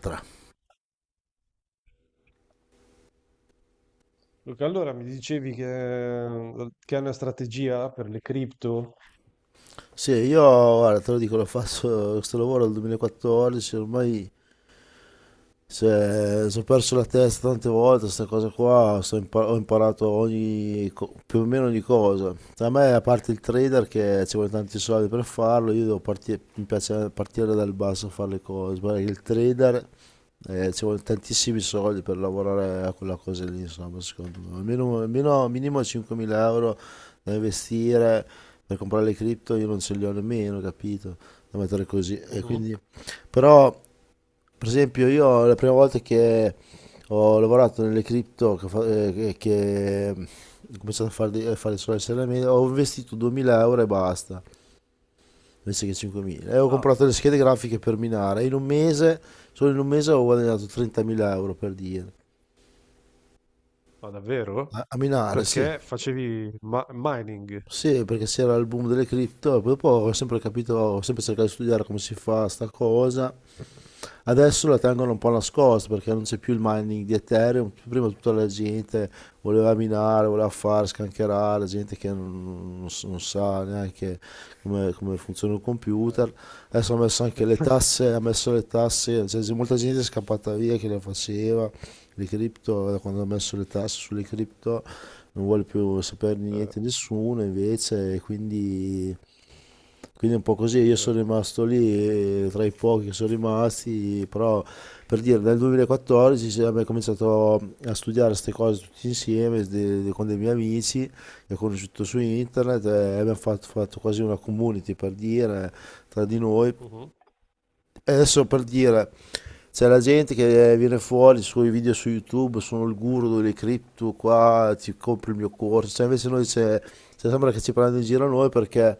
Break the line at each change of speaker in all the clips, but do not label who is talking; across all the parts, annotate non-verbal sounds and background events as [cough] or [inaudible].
Tra.
Luca, allora mi dicevi che è una strategia per le cripto?
Sì, io guarda, te lo dico, l'ho fatto questo lavoro dal 2014, ormai. Se ho perso la testa tante volte, questa cosa qua, ho imparato ogni, più o meno ogni cosa. A me, a parte il trader che ci vuole tanti soldi per farlo, io devo partire, mi piace partire dal basso a fare le cose, perché il trader, ci vuole tantissimi soldi per lavorare a quella cosa lì, insomma, secondo me. Almeno minimo 5.000 euro da investire per comprare le cripto, io non ce li ho nemmeno, capito? Da mettere così. E
Mhm.
quindi, però... Per esempio, io la prima volta che ho lavorato nelle cripto, che, che ho cominciato a fare, a fare solo SLM, ho investito 2.000 euro e basta, invece che 5.000. E ho
Ah,
comprato le schede grafiche per minare. In un mese, solo in un mese ho guadagnato 30.000 euro, per dire.
ma
A,
davvero?
a minare, sì.
Perché facevi mining?
Sì, perché c'era il boom delle cripto, e poi dopo ho sempre capito, ho sempre cercato di studiare come si fa sta cosa. Adesso la tengono un po' nascosta perché non c'è più il mining di Ethereum. Prima tutta la gente voleva minare, voleva fare, scancherare, gente che non sa neanche come, funziona un
Eh,
computer. Adesso ha messo anche le
[laughs]
tasse, cioè, c'è molta gente è scappata via che le faceva, le cripto, da quando ha messo le tasse sulle cripto non vuole più saperne
eh,
niente nessuno invece, e quindi è un po' così, io sono
certo.
rimasto lì, tra i pochi che sono rimasti, però, per dire, nel 2014 abbiamo cominciato a studiare queste cose tutti insieme, con dei miei amici che ho conosciuto su internet, e abbiamo fatto, quasi una community, per dire, tra di noi.
Mhm.
E adesso, per dire, c'è la gente che viene fuori, i suoi video su YouTube, sono il guru delle cripto qua, ti compri il mio corso, cioè, invece noi c'è, cioè, sembra che ci prendano in giro noi, perché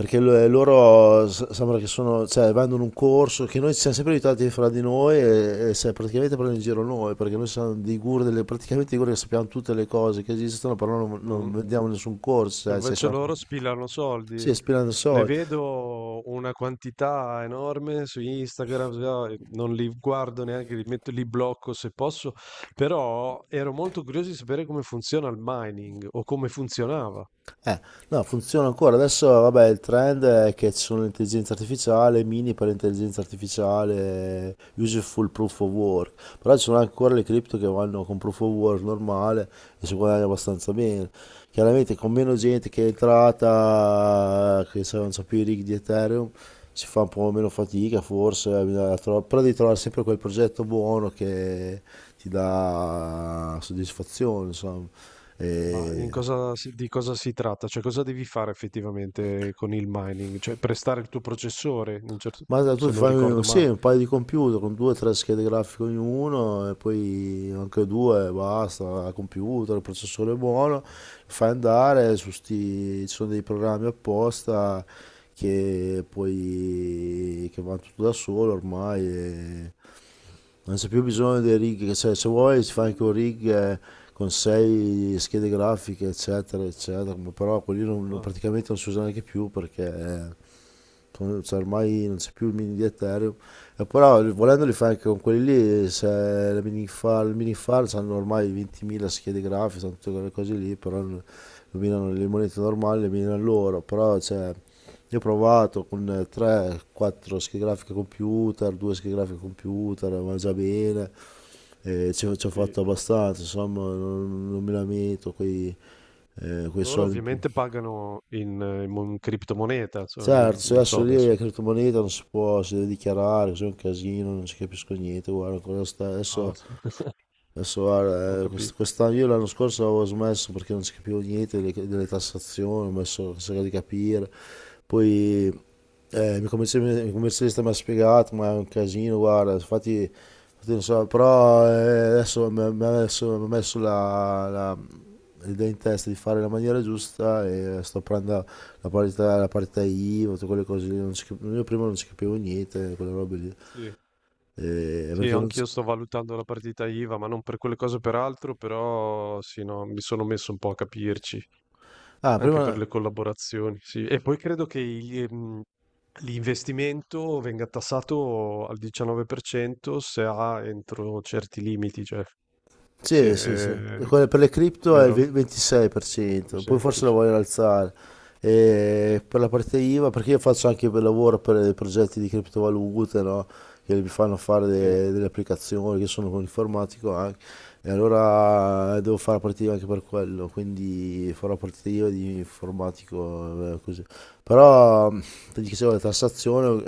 sembra che sono, cioè, vanno in un corso che noi ci siamo sempre aiutati fra di noi, e, se praticamente prendono in giro noi, perché noi siamo dei guru, delle, praticamente dei guru che sappiamo tutte le cose che esistono, però non,
Mm.
vediamo nessun corso, cioè,
Invece
siamo,
loro spillano soldi.
sì, spilando
Ne
soldi.
vedo una quantità enorme su Instagram, non li guardo neanche, li metto, li blocco se posso, però ero molto curioso di sapere come funziona il mining o come funzionava.
Eh, no, funziona ancora. Adesso, vabbè, il trend è che ci sono l'intelligenza artificiale, mini per l'intelligenza artificiale, useful proof of work. Però ci sono ancora le cripto che vanno con proof of work normale e si guadagna abbastanza bene. Chiaramente con meno gente che è entrata, che non so più i rig di Ethereum, si fa un po' meno fatica forse, bisogna però devi trovare sempre quel progetto buono che ti dà soddisfazione, insomma.
Ma in
E...
di cosa si tratta? Cioè, cosa devi fare effettivamente con il mining? Cioè, prestare il tuo processore, in un certo,
Ma tu
se non
fai
ricordo
sì,
male.
un paio di computer con due o tre schede grafiche ognuno e poi anche due, basta, al computer, il processore è buono, fai andare su sti, ci sono dei programmi apposta che poi che vanno tutto da solo ormai, e non c'è più bisogno dei rig, che se, vuoi si fa anche un rig, con sei schede grafiche eccetera eccetera, ma però quelli
Ah,
praticamente non si usano neanche più perché... sono- cioè, ormai non c'è più il mini di Ethereum. E però volendoli fare anche con quelli lì, se la mini far, hanno ormai 20.000 schede grafiche, sono tutte quelle cose lì, però non- lo minano le monete normali, le minano loro, però cioè, io ho provato con 3-4 schede grafiche computer, 2 schede grafiche computer, va già bene, e ci ho
sì.
fatto abbastanza, insomma non, mi lamento quei, quei
Loro
soldi in più.
ovviamente pagano in, in criptomoneta, insomma, che
Certo, se
non so
adesso lì la
adesso.
criptomoneta non si può, si deve dichiarare, così è un casino, non ci capisco niente, guarda, ancora
Ah, sì. [laughs]
adesso
Ho
guarda,
capito.
quest'anno, io l'anno scorso avevo smesso perché non si capivo niente delle, tassazioni, ho messo a cercare di capire. Poi, il mio commerci- il commercialista mi ha spiegato, ma è un casino, guarda, infatti, non so, però, adesso mi ha messo la, l'idea in testa di fare la maniera giusta, e sto prendendo la parità, IVA, tutte quelle cose lì, non si io prima non ci capivo niente, quelle robe lì.
Sì. Sì,
Perché non
anch'io
si-
sto valutando la partita IVA, ma non per quelle cose, per altro, però sì, no, mi sono messo un po' a capirci.
Ah,
Anche per
prima...
le collaborazioni, sì. E poi credo che gli, l'investimento venga tassato al 19% se ha entro certi limiti, cioè, sì,
Sì, e quella per le cripto è il
vero? Molto più
26%, poi forse la
semplice.
vogliono alzare. E per la parte IVA, perché io faccio anche per lavoro per dei progetti di criptovalute, no? Che mi fanno fare
Sì,
delle applicazioni, che sono un informatico anche. E allora, devo fare la partita IVA anche per quello, quindi farò la partita IVA di informatico, così. Però, ti dicevo, la tassazione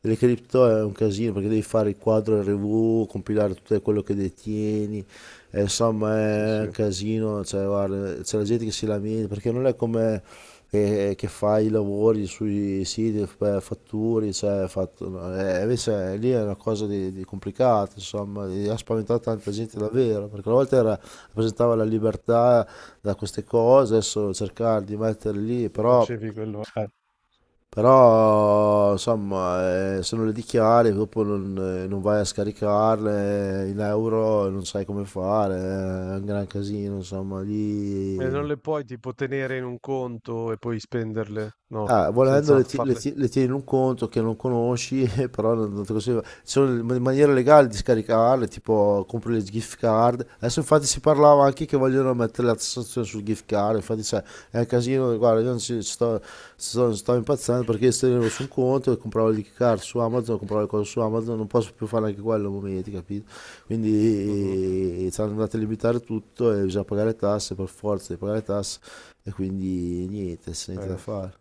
delle cripto è un casino perché devi fare il quadro RV, compilare tutto quello che detieni, insomma
sì,
è un
sì.
casino, cioè, guarda, c'è la gente che si lamenta perché non è come che, fa i lavori sui siti, fatturi, cioè, no, invece lì è una cosa di, complicata, insomma, e ha spaventato tanta gente
Mhm.
davvero, perché una volta era- rappresentava la libertà da queste cose, adesso cercare di mettere lì,
E
però...
facevi quello, eh.
Però insomma, se non le dichiari, dopo non, non vai a scaricarle, in euro, non sai come fare, è un gran casino, insomma,
E non
lì...
le puoi tipo tenere in un conto e poi spenderle, no,
Ah, volendo
senza
le,
farle.
le tieni in un conto che non conosci, [laughs] però non, te consiglio. Ci sono maniere legali di scaricarle, tipo compri le gift card. Adesso infatti si parlava anche che vogliono mettere la tassazione sul gift card, infatti c'è, è un casino, guarda, io non ci sto impazzendo perché se tenevo su un conto e compravo il card su Amazon, compravo le cose su Amazon, non posso più fare anche quello a momenti, capito?
Mhm.
Quindi, ci hanno andato a limitare tutto e bisogna pagare le tasse per forza di pagare le tasse, e quindi niente, c'è niente da
Eh,
fare.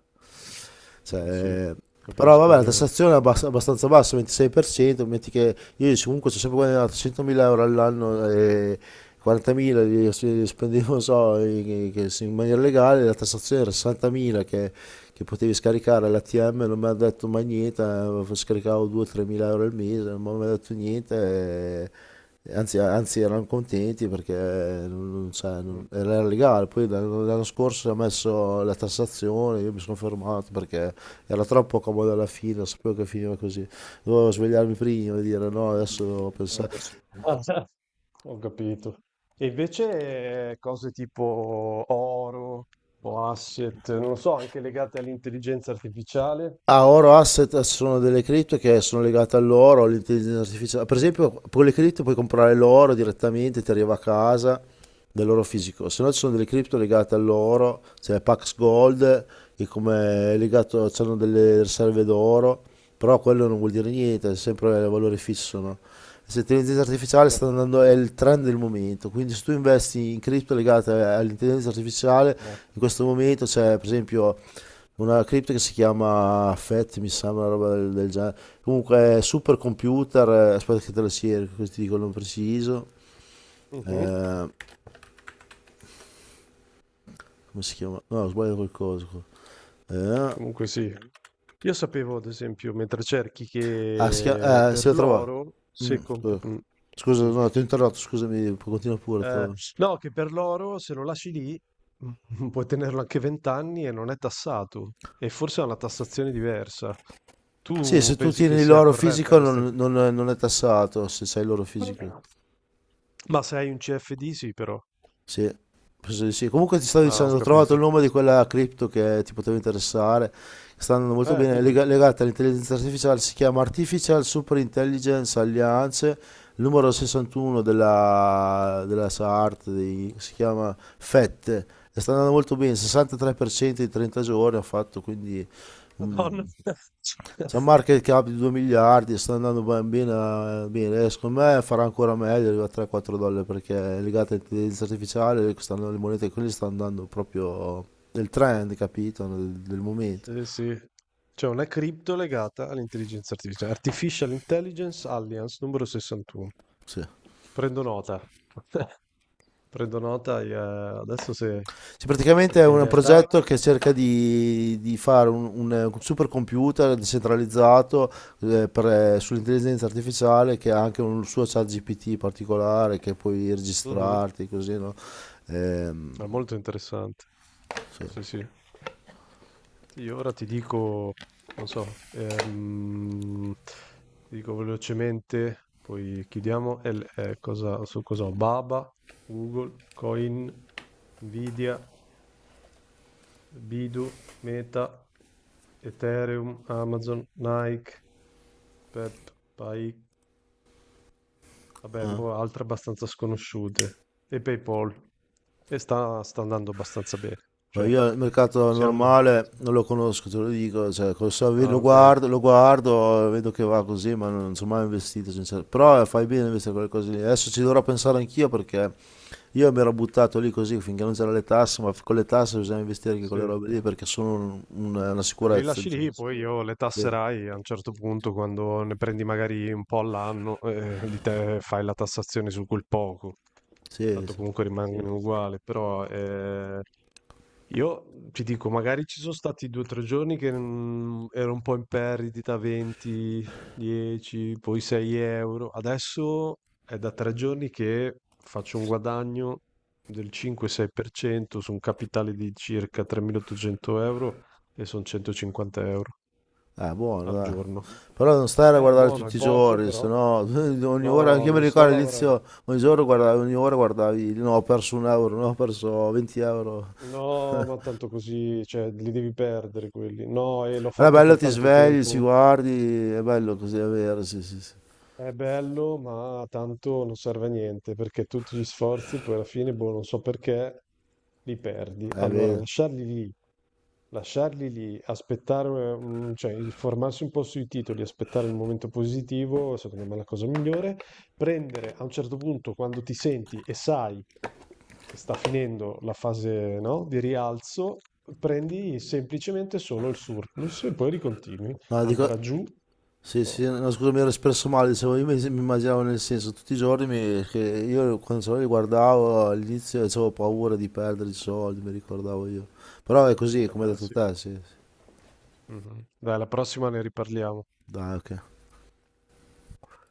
eh sì,
Cioè, però
capisco
vabbè, la
bene.
tassazione è abbastanza bassa, 26%, metti che io comunque ci ho sempre guadagnato 100.000 euro all'anno, e 40.000 li spendevo, non so, in, che- in maniera legale, la tassazione era 60.000, che, potevi scaricare all'ATM, non mi ha detto mai niente, scaricavo 2-3.000 euro al mese, non mi ha detto niente. Eh, anzi, erano contenti perché cioè, non-
Mhm.
era legale. Poi l'anno scorso ha messo la tassazione, io mi sono fermato perché era troppo comodo alla fine, sapevo che finiva così. Dovevo svegliarmi prima e dire no, adesso pensavo.
[laughs] Ah, ho capito. E invece cose tipo oro o asset, non lo so, anche legate all'intelligenza artificiale.
Ah, oro asset sono delle cripto che sono legate all'oro, all'intelligenza artificiale. Per esempio, con le cripto puoi comprare l'oro direttamente, ti arriva a casa dell'oro fisico. Se no ci sono delle cripto legate all'oro, c'è Pax Gold, che come è legato, hanno delle riserve d'oro, però quello non vuol dire niente, è sempre valore fisso, no? Questa intelligenza artificiale
Sì, eh.
sta andando, è il trend del momento, quindi se tu investi in cripto legate all'intelligenza artificiale, in questo momento c'è per esempio una cripta che si chiama FET, mi sembra, una roba del genere. Comunque, super computer, aspetta che te lo sia, così ti dico il nome preciso.
Mhm.
Eh, come si chiama? No, ho sbagliato qualcosa, qua. Eh,
Comunque sì. Io sapevo, ad esempio, mentre cerchi,
ah, si chiama,
che
si
per
lo trova.
l'oro,
Mm,
se
scusa,
dimmi.
no, ti ho interrotto, scusami, continua pure.
Eh, no, che per l'oro se lo lasci lì, [laughs] mm, puoi tenerlo anche 20 anni e non è tassato. E forse ha una tassazione diversa.
Sì,
Tu
se tu
pensi che
tieni
sia
l'oro
corretta
fisico
questa inf,
non, non è tassato, se sai l'oro fisico.
ma se hai un CFD sì però.
Sì, penso di sì. Comunque ti stavo
Ah, ho
dicendo,
sì,
ho trovato il
capito.
nome di quella cripto che ti poteva interessare, che sta andando molto bene, è
Dimmi.
legata all'intelligenza artificiale, si chiama Artificial Super Intelligence Alliance, il numero 61 della, SART, di- si chiama FET, e sta andando molto bene, 63% in 30 giorni ha fatto, quindi... mm,
[laughs]
c'è un market cap di 2 miliardi, sta andando ben bene, bene. Eh, secondo me farà ancora meglio, arriva a 3-4 dollari perché è legata all'intelligenza artificiale, stanno- le monete quelle stanno andando proprio del trend, capito? Del, momento.
Sì, sì. C'è una cripto legata all'intelligenza artificiale. Artificial Intelligence Alliance numero 61.
Sì.
Prendo nota. [laughs] Prendo nota e, adesso se
Sì, praticamente
e
è
in
un
realtà,
progetto che cerca di, fare un, supercomputer decentralizzato, eh, per- sull'intelligenza artificiale che ha anche un suo chat GPT particolare che puoi
mh-mh,
registrarti così, no? Ehm,
è molto interessante.
sì.
Sì, sì. Sì, io ora ti dico, non so, ti dico velocemente, poi chiudiamo. È cosa, su cosa ho? Baba, Google, Coin, Nvidia, Bidu, Meta, Ethereum, Amazon, Nike, Pai, vabbè, un
Eh.
po' altre abbastanza sconosciute, e PayPal, e sta andando abbastanza bene,
No,
cioè,
io il mercato
siamo...
normale non lo conosco, te lo dico, cioè, col
Ah,
lo
ok,
guardo, vedo che va così, ma non, sono mai investito, sincero. Però, fai bene a investire quelle cose lì. Adesso ci dovrò pensare anch'io perché io mi ero buttato lì così finché non c'erano le tasse, ma con le tasse bisogna investire anche con le
sì.
robe lì perché sono una
Beh, li
sicurezza,
lasci
diciamo.
lì, poi io le
Sì,
tasserai a un certo punto, quando ne prendi magari un po' all'anno, [laughs] lì te fai la tassazione su quel poco.
sì,
Tanto
sì.
comunque sì, rimangono uguali, però io ti dico, magari ci sono stati due o tre giorni che mm, ero un po' in perdita, 20, 10, poi 6 euro. Adesso è da tre giorni che faccio un guadagno del 5-6% su un capitale di circa 3.800 euro e sono 150 euro
eh, buono,
al
dai.
giorno.
Però non stare a
È
guardare
buono, è
tutti i
poco,
giorni, se
però
no [laughs] ogni ora, anche
no,
io mi
non sto
ricordo
a lavorare.
all'inizio, ogni giorno guardavi, ogni ora guardavi, no, ho perso un euro, no, ho perso 20 euro.
No, ma tanto così, cioè, li devi perdere quelli. No, e l'ho
Però è
fatto
bello,
per
ti
tanto
svegli, ci
tempo.
guardi, è bello così, è vero, sì, sì.
È bello, ma tanto non serve a niente perché tutti gli sforzi poi alla fine, boh, non so perché, li perdi.
È
Allora,
vero.
lasciarli lì, aspettare, mm, cioè informarsi un po' sui titoli, aspettare il momento positivo, secondo me è la cosa migliore. Prendere a un certo punto, quando ti senti e sai che sta finendo la fase, no, di rialzo, prendi semplicemente solo il surplus e poi ricontinui.
No, dico,
Andrà giù.
sì,
Boh,
no, scusa, mi ero espresso male, dicevo, io mi immaginavo nel senso, tutti i giorni che io quando solo li guardavo all'inizio avevo paura di perdere i soldi, mi ricordavo io. Però è così, come hai
vabbè,
detto
sì.
te, sì. Sì.
Mh-mh. Dai, alla prossima ne riparliamo.
Dai, ok.